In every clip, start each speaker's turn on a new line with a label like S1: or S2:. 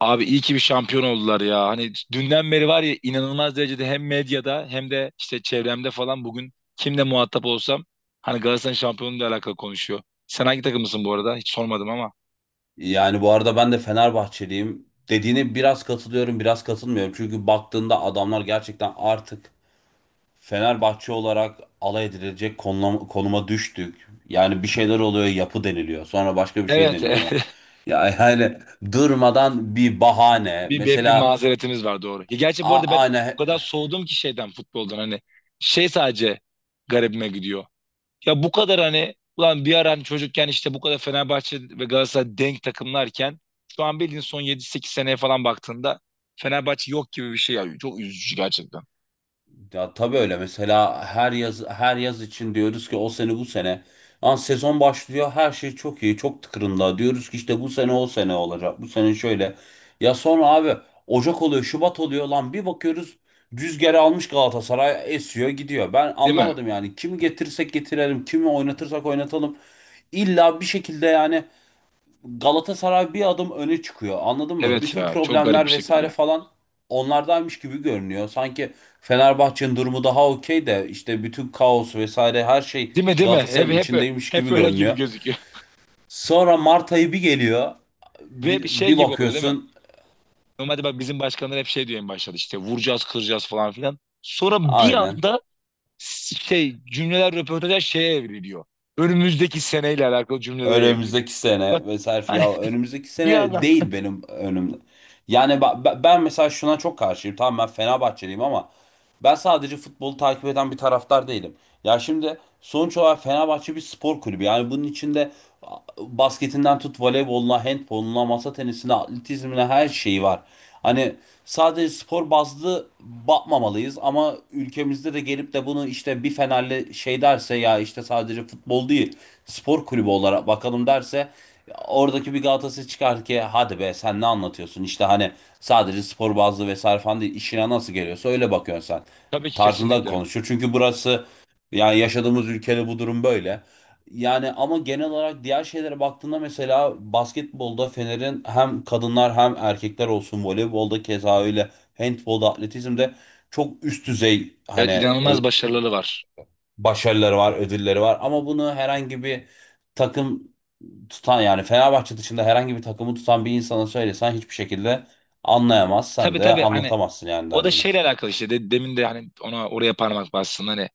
S1: Abi iyi ki bir şampiyon oldular ya. Hani dünden beri var ya inanılmaz derecede hem medyada hem de işte çevremde falan bugün kimle muhatap olsam hani Galatasaray'ın şampiyonluğuyla alakalı konuşuyor. Sen hangi takımısın bu arada? Hiç sormadım ama.
S2: Yani bu arada ben de Fenerbahçeliyim. Dediğine biraz katılıyorum, biraz katılmıyorum. Çünkü baktığında adamlar gerçekten artık Fenerbahçe olarak alay edilecek konuma düştük. Yani bir şeyler oluyor, yapı deniliyor. Sonra başka bir şey
S1: Evet.
S2: deniliyor. Ya yani durmadan bir bahane.
S1: Bir
S2: Mesela
S1: mazeretimiz var doğru. Ya gerçi bu
S2: a-
S1: arada ben o
S2: aynı
S1: kadar soğudum ki şeyden futboldan hani şey sadece garibime gidiyor. Ya bu kadar hani ulan bir ara hani çocukken işte bu kadar Fenerbahçe ve Galatasaray denk takımlarken şu an bildiğin son yedi sekiz seneye falan baktığında Fenerbahçe yok gibi bir şey ya. Çok üzücü gerçekten.
S2: Ya tabii öyle, mesela her yaz için diyoruz ki o sene bu sene. Lan sezon başlıyor, her şey çok iyi, çok tıkırında, diyoruz ki işte bu sene o sene olacak, bu sene şöyle. Ya sonra abi Ocak oluyor, Şubat oluyor, lan bir bakıyoruz, rüzgarı almış Galatasaray esiyor gidiyor. Ben
S1: Değil mi?
S2: anlamadım yani, kimi getirsek getirelim, kimi oynatırsak oynatalım, illa bir şekilde yani Galatasaray bir adım öne çıkıyor. Anladın mı?
S1: Evet
S2: Bütün
S1: ya çok garip bir
S2: problemler vesaire
S1: şekilde.
S2: falan onlardaymış gibi görünüyor. Sanki Fenerbahçe'nin durumu daha okey de, işte bütün kaos vesaire her şey
S1: Değil mi değil mi? Hep,
S2: Galatasaray'ın
S1: hep,
S2: içindeymiş
S1: hep
S2: gibi
S1: öyle gibi
S2: görünüyor.
S1: gözüküyor.
S2: Sonra Mart ayı bir geliyor.
S1: Ve bir
S2: Bir,
S1: şey
S2: bir
S1: gibi oluyor değil mi?
S2: bakıyorsun.
S1: Normalde bak bizim başkanlar hep şey diyor en başta işte vuracağız kıracağız falan filan. Sonra bir
S2: Aynen,
S1: anda şey cümleler röportajlar şeye evriliyor. Önümüzdeki seneyle alakalı cümlelere evriliyor.
S2: önümüzdeki
S1: Bak
S2: sene vesaire.
S1: hani
S2: Ya önümüzdeki
S1: bir
S2: sene
S1: anda.
S2: değil, benim önümde. Yani ben mesela şuna çok karşıyım. Tamam, ben Fenerbahçeliyim ama ben sadece futbolu takip eden bir taraftar değilim. Ya şimdi sonuç olarak Fenerbahçe bir spor kulübü. Yani bunun içinde basketinden tut, voleyboluna, handboluna, masa tenisine, atletizmine, her şeyi var. Hani sadece spor bazlı bakmamalıyız ama ülkemizde de gelip de bunu, işte bir Fenerli şey derse ya, işte sadece futbol değil, spor kulübü olarak bakalım derse, oradaki bir Galatasaray çıkar ki hadi be sen ne anlatıyorsun işte, hani sadece spor bazlı vesaire falan değil, işine nasıl geliyorsa öyle bakıyorsun sen
S1: Tabii ki
S2: tarzında
S1: kesinlikle.
S2: konuşuyor. Çünkü burası, yani yaşadığımız ülkede bu durum böyle. Yani ama genel olarak diğer şeylere baktığında, mesela basketbolda Fener'in hem kadınlar hem erkekler olsun, voleybolda keza öyle, handbolda, atletizmde çok üst düzey,
S1: Evet
S2: hani
S1: inanılmaz başarıları var.
S2: başarıları var, ödülleri var, ama bunu herhangi bir takım tutan, yani Fenerbahçe dışında herhangi bir takımı tutan bir insana söylesen hiçbir şekilde anlayamaz, sen
S1: Tabii
S2: de
S1: tabii hani
S2: anlatamazsın yani
S1: o da
S2: derdini.
S1: şeyle alakalı işte demin de hani ona oraya parmak bastın hani.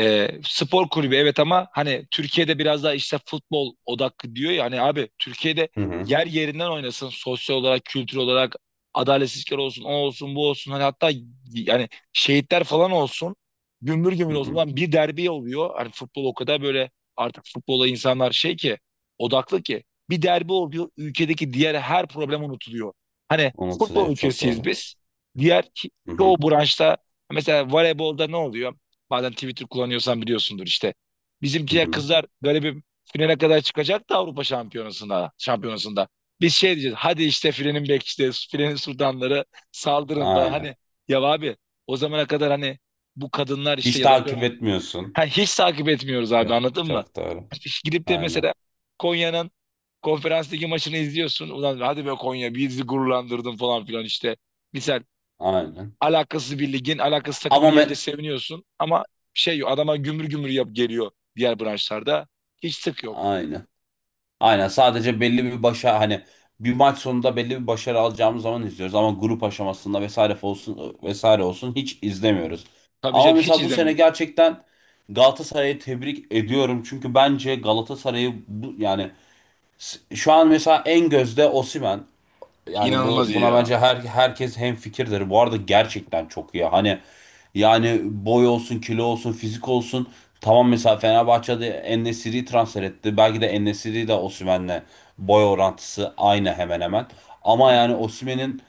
S1: E, spor kulübü evet ama hani Türkiye'de biraz daha işte futbol odaklı diyor ya hani abi Türkiye'de
S2: Hı hı,
S1: yer yerinden oynasın sosyal olarak kültür olarak adaletsizlikler olsun o olsun bu olsun hani hatta yani şehitler falan olsun gümbür gümbür
S2: hı
S1: olsun.
S2: hı.
S1: Ulan bir derbi oluyor hani futbol o kadar böyle artık futbola insanlar şey ki odaklı ki bir derbi oluyor ülkedeki diğer her problem unutuluyor hani futbol
S2: Unutuluyor, çok
S1: ülkesiyiz
S2: doğru.
S1: biz diğer
S2: Hı
S1: çoğu
S2: hı.
S1: branşta mesela voleybolda ne oluyor. Bazen Twitter kullanıyorsan biliyorsundur işte.
S2: Hı
S1: Bizimkiler
S2: hı.
S1: kızlar galibim finale kadar çıkacak da Avrupa Şampiyonası'nda. Şampiyonası'nda. Biz şey diyeceğiz. Hadi işte filenin bek işte filenin sultanları saldırın falan.
S2: Aynen.
S1: Hani ya abi o zamana kadar hani bu kadınlar işte
S2: Hiç
S1: ya da
S2: takip
S1: diyorum,
S2: etmiyorsun.
S1: ha, hiç takip etmiyoruz abi
S2: Ya.
S1: anladın mı?
S2: Çok doğru.
S1: Hiç gidip de
S2: Aynen.
S1: mesela Konya'nın konferans ligi maçını izliyorsun. Ulan hadi be Konya bizi gururlandırdın falan filan işte. Misal
S2: Aynen.
S1: alakasız bir ligin, alakasız takımını
S2: Ama
S1: yenince
S2: me-
S1: seviniyorsun ama şey yok, adama gümür gümür yap geliyor diğer branşlarda. Hiç sık yok.
S2: aynen. Aynen. Sadece belli bir başa hani, bir maç sonunda belli bir başarı alacağımız zaman izliyoruz ama grup aşamasında vesaire olsun vesaire olsun hiç izlemiyoruz.
S1: Tabii
S2: Ama
S1: canım hiç
S2: mesela bu sene
S1: izlemiyoruz.
S2: gerçekten Galatasaray'ı tebrik ediyorum. Çünkü bence Galatasaray'ı bu, yani şu an mesela en gözde Osimhen. Yani bu
S1: İnanılmaz iyi
S2: buna
S1: ya.
S2: bence herkes hemfikirdir. Bu arada gerçekten çok iyi. Hani yani boy olsun, kilo olsun, fizik olsun. Tamam, mesela Fenerbahçe'de En-Nesyri'yi transfer etti. Belki de En-Nesyri de Osimhen'le boy orantısı aynı hemen hemen.
S1: Hı
S2: Ama
S1: hı.
S2: yani Osimhen'in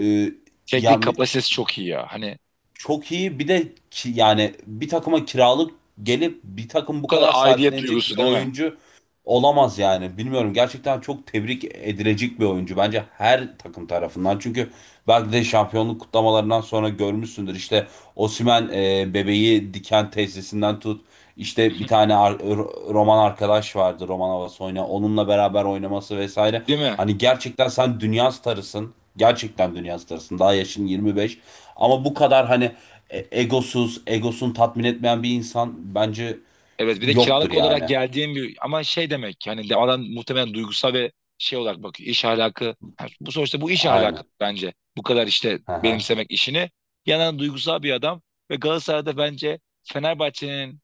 S2: e, ya
S1: Teknik kapasitesi çok iyi ya. Hani
S2: çok iyi. Bir de ki, yani bir takıma kiralık gelip bir takım
S1: bu
S2: bu
S1: kadar
S2: kadar
S1: aidiyet
S2: sahiplenecek bir
S1: duygusu değil mi?
S2: oyuncu olamaz yani. Bilmiyorum, gerçekten çok tebrik edilecek bir oyuncu bence her takım tarafından. Çünkü belki de şampiyonluk kutlamalarından sonra görmüşsündür. İşte Osimhen, bebeği diken tesisinden tut. İşte
S1: Hı
S2: bir
S1: hı.
S2: tane Roman arkadaş vardı, Roman Avasoyna. Onunla beraber oynaması vesaire.
S1: Değil mi?
S2: Hani gerçekten sen dünya starısın. Gerçekten dünya starısın. Daha yaşın 25. Ama bu kadar hani egosuz, egosunu tatmin etmeyen bir insan bence
S1: Evet bir de
S2: yoktur
S1: kiralık olarak
S2: yani.
S1: geldiğim bir ama şey demek ki, hani de adam muhtemelen duygusal ve şey olarak bakıyor iş ahlakı yani bu sonuçta bu iş ahlakı
S2: Aynen.
S1: bence bu kadar işte
S2: Hı hı.
S1: benimsemek işini yanan duygusal bir adam ve Galatasaray'da bence Fenerbahçe'nin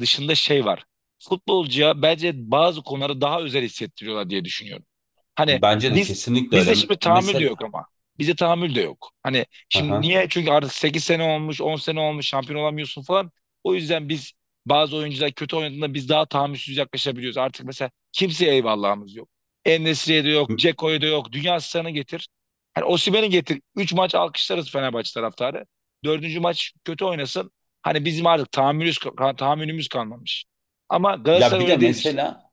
S1: dışında şey var futbolcuya bence bazı konuları daha özel hissettiriyorlar diye düşünüyorum. Hani
S2: Bence de
S1: biz
S2: kesinlikle
S1: bizde
S2: öyle.
S1: şimdi tahammül de yok
S2: Mesela
S1: ama. Bizde tahammül de yok. Hani
S2: hı
S1: şimdi
S2: hı.
S1: niye? Çünkü artık 8 sene olmuş, 10 sene olmuş, şampiyon olamıyorsun falan. O yüzden biz bazı oyuncular kötü oynadığında biz daha tahammülsüz yaklaşabiliyoruz. Artık mesela kimseye eyvallahımız yok. En-Nesyri'ye de yok, Dzeko'ya da yok. Dünya asistanı getir. Hani Osimhen'i getir. 3 maç alkışlarız Fenerbahçe taraftarı. Dördüncü maç kötü oynasın. Hani bizim artık tahammülümüz kalmamış. Ama
S2: Ya
S1: Galatasaray
S2: bir de
S1: öyle değil işte.
S2: mesela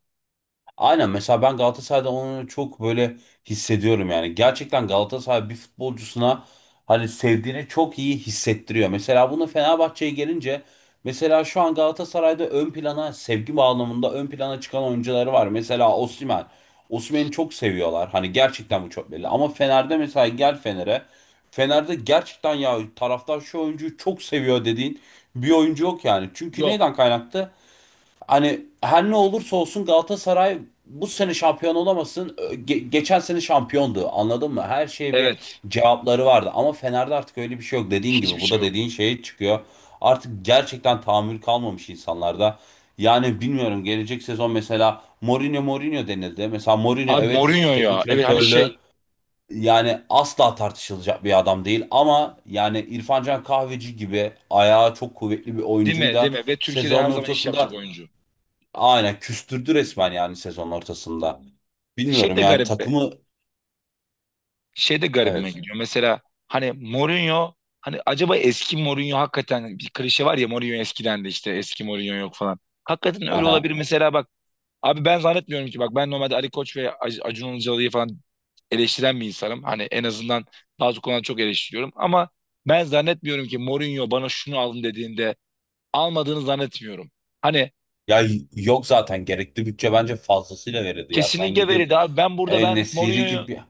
S2: aynen, mesela ben Galatasaray'da onu çok böyle hissediyorum yani. Gerçekten Galatasaray bir futbolcusuna hani sevdiğini çok iyi hissettiriyor. Mesela bunu Fenerbahçe'ye gelince, mesela şu an Galatasaray'da ön plana, sevgi bağlamında ön plana çıkan oyuncuları var. Mesela Osimhen. Osimhen'i çok seviyorlar. Hani gerçekten bu çok belli. Ama Fener'de, mesela gel Fener'e. Fener'de gerçekten ya, taraftar şu oyuncuyu çok seviyor dediğin bir oyuncu yok yani. Çünkü neyden
S1: Yok.
S2: kaynaklı? Hani her ne olursa olsun Galatasaray bu sene şampiyon olamasın. Geçen sene şampiyondu. Anladın mı? Her şeye bir
S1: Evet.
S2: cevapları vardı. Ama Fener'de artık öyle bir şey yok. Dediğin
S1: Hiçbir
S2: gibi bu
S1: şey
S2: da
S1: yok.
S2: dediğin şeye çıkıyor. Artık gerçekten tahammül kalmamış insanlarda. Yani bilmiyorum, gelecek sezon mesela Mourinho denildi. Mesela Mourinho,
S1: Abi
S2: evet,
S1: Mourinho
S2: teknik
S1: ya. Evet hani
S2: direktörlüğü
S1: şey.
S2: yani asla tartışılacak bir adam değil, ama yani İrfan Can Kahveci gibi ayağı çok kuvvetli bir
S1: Değil
S2: oyuncuyu
S1: mi değil
S2: da
S1: mi? Ve Türkiye'de
S2: sezonun
S1: her zaman iş
S2: ortasında
S1: yapacak oyuncu.
S2: aynen küstürdü resmen, yani sezon ortasında.
S1: Şey
S2: Bilmiyorum
S1: de
S2: yani
S1: garip be.
S2: takımı.
S1: Şey de garibime
S2: Evet.
S1: gidiyor. Mesela hani Mourinho hani acaba eski Mourinho hakikaten bir klişe var ya Mourinho eskiden de işte eski Mourinho yok falan. Hakikaten öyle
S2: Aha.
S1: olabilir mesela bak. Abi ben zannetmiyorum ki bak ben normalde Ali Koç ve Acun Ilıcalı'yı falan eleştiren bir insanım. Hani en azından bazı konularda çok eleştiriyorum ama ben zannetmiyorum ki Mourinho bana şunu alın dediğinde almadığını zannetmiyorum. Hani
S2: Ya yok zaten, gerekli bütçe bence fazlasıyla verildi ya. Sen
S1: kesinlikle
S2: gidip
S1: veriydi abi. Ben burada
S2: El Nesiri
S1: Mourinho'yu
S2: gibi,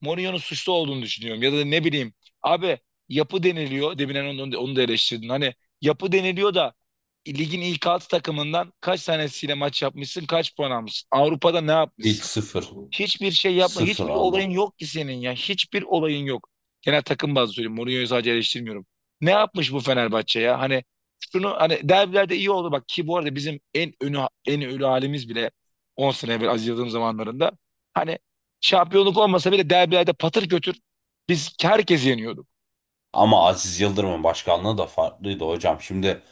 S1: Mourinho'nun suçlu olduğunu düşünüyorum. Ya da ne bileyim. Abi yapı deniliyor. Demin onu da eleştirdin. Hani yapı deniliyor da ligin ilk altı takımından kaç tanesiyle maç yapmışsın? Kaç puan almışsın? Avrupa'da ne
S2: ilk
S1: yapmışsın?
S2: sıfır.
S1: Hiçbir şey yapma.
S2: Sıfır
S1: Hiçbir olayın
S2: aldı.
S1: yok ki senin ya. Hiçbir olayın yok. Genel takım bazlı söyleyeyim. Mourinho'yu sadece eleştirmiyorum. Ne yapmış bu Fenerbahçe ya? Hani şunu hani derbilerde iyi oldu bak ki bu arada bizim en ölü halimiz bile 10 sene evvel Aziz Yıldırım zamanlarında hani şampiyonluk olmasa bile derbilerde patır götür biz herkesi yeniyorduk.
S2: Ama Aziz Yıldırım'ın başkanlığı da farklıydı hocam. Şimdi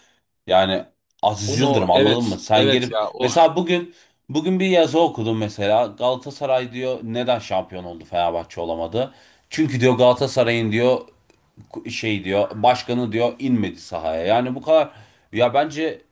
S2: yani Aziz
S1: Onu
S2: Yıldırım, anladın
S1: evet
S2: mı? Sen
S1: evet
S2: gelip
S1: ya o
S2: mesela bugün bir yazı okudum mesela. Galatasaray diyor neden şampiyon oldu, Fenerbahçe olamadı? Çünkü diyor Galatasaray'ın diyor şey, diyor başkanı diyor, inmedi sahaya. Yani bu kadar, ya bence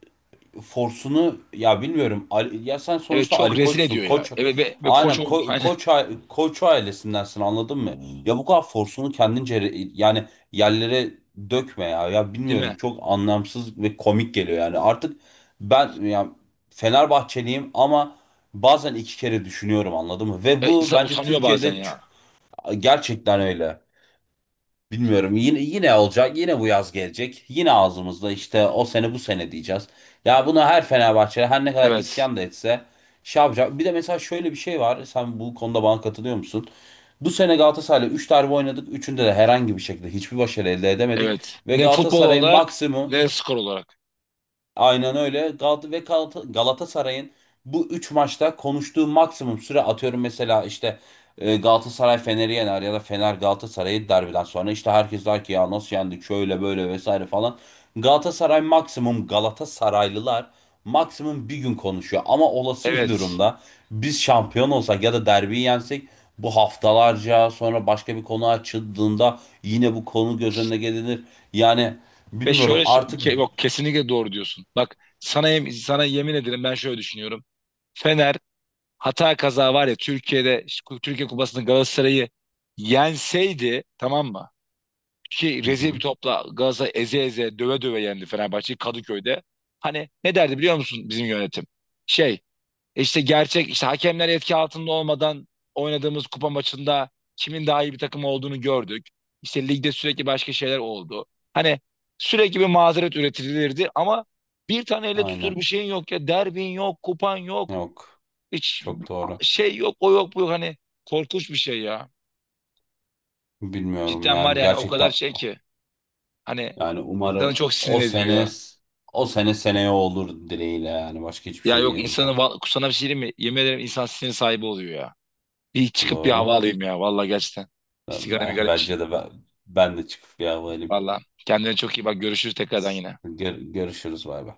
S2: forsunu, ya bilmiyorum, ya sen
S1: evet
S2: sonuçta
S1: çok
S2: Ali
S1: rezil
S2: Koç'sun.
S1: ediyor ya.
S2: Koç,
S1: Evet ve
S2: aynen,
S1: koç oldu
S2: ko-
S1: hani
S2: Koç a- Koç ailesindensin, anladın mı? Ya bu kadar forsunu kendince yani yerlere dökme ya. Ya
S1: değil
S2: bilmiyorum,
S1: mi?
S2: çok anlamsız ve komik geliyor yani. Artık ben ya Fenerbahçeliyim, ama bazen iki kere düşünüyorum, anladın mı? Ve
S1: E,
S2: bu
S1: insan
S2: bence
S1: utanıyor
S2: Türkiye'de
S1: bazen ya.
S2: gerçekten öyle. Bilmiyorum, yine olacak, yine bu yaz gelecek, yine ağzımızda işte o sene bu sene diyeceğiz. Ya buna her Fenerbahçe her ne kadar
S1: Evet.
S2: isyan da etse şey yapacak. Bir de mesela şöyle bir şey var, sen bu konuda bana katılıyor musun? Bu sene Galatasaray'la 3 derbi oynadık, 3'ünde de herhangi bir şekilde hiçbir başarı elde edemedik.
S1: Evet.
S2: Ve
S1: Ne futbol
S2: Galatasaray'ın
S1: olarak
S2: maksimum,
S1: ne skor olarak.
S2: aynen öyle. Galatasaray'ın bu 3 maçta konuştuğu maksimum süre, atıyorum mesela işte, Galatasaray Fener'i yener ya da Fener Galatasaray'ı, derbiden sonra işte herkes der ki ya nasıl yendik şöyle böyle vesaire falan. Galatasaray maksimum, Galatasaraylılar maksimum bir gün konuşuyor, ama olası bir
S1: Evet.
S2: durumda biz şampiyon olsak ya da derbiyi yensek, bu haftalarca sonra başka bir konu açıldığında yine bu konu göz önüne gelinir. Yani
S1: Ve
S2: bilmiyorum
S1: şöyle
S2: artık.
S1: yok kesinlikle doğru diyorsun. Bak sana sana yemin ederim ben şöyle düşünüyorum. Fener hata kaza var ya Türkiye'de şu Türkiye Kupası'nda Galatasaray'ı yenseydi tamam mı? Ki
S2: Hı
S1: rezil bir
S2: hı.
S1: topla Galatasaray eze eze döve döve yendi Fenerbahçe'yi Kadıköy'de. Hani ne derdi biliyor musun bizim yönetim? Şey. İşte gerçek işte hakemler etki altında olmadan oynadığımız kupa maçında kimin daha iyi bir takım olduğunu gördük. İşte ligde sürekli başka şeyler oldu. Hani sürekli bir mazeret üretilirdi ama bir tane elle tutulur
S2: Aynen.
S1: bir şeyin yok ya. Derbin yok, kupan yok.
S2: Yok.
S1: Hiç
S2: Çok doğru.
S1: şey yok, o yok, bu yok. Hani korkunç bir şey ya.
S2: Bilmiyorum
S1: Cidden var
S2: yani,
S1: yani o kadar
S2: gerçekten
S1: şey ki. Hani
S2: yani
S1: insanı
S2: umarım,
S1: çok sinir
S2: o
S1: ediyor
S2: sene
S1: ya.
S2: o sene seneye olur dileğiyle, yani başka hiçbir
S1: Ya
S2: şey
S1: yok
S2: diyemeyeceğim.
S1: sana bir şey diyeyim mi? Yemin ederim insan sinir sahibi oluyor ya. Bir çıkıp bir
S2: Doğru.
S1: hava alayım ya. Vallahi gerçekten. Bir
S2: Ben,
S1: sigara
S2: ben-
S1: migara içeyim.
S2: bence de ben, ben de çıkıp bir hava alayım.
S1: Vallahi. Kendine çok iyi bak. Görüşürüz tekrardan yine.
S2: Görüşürüz bay bay.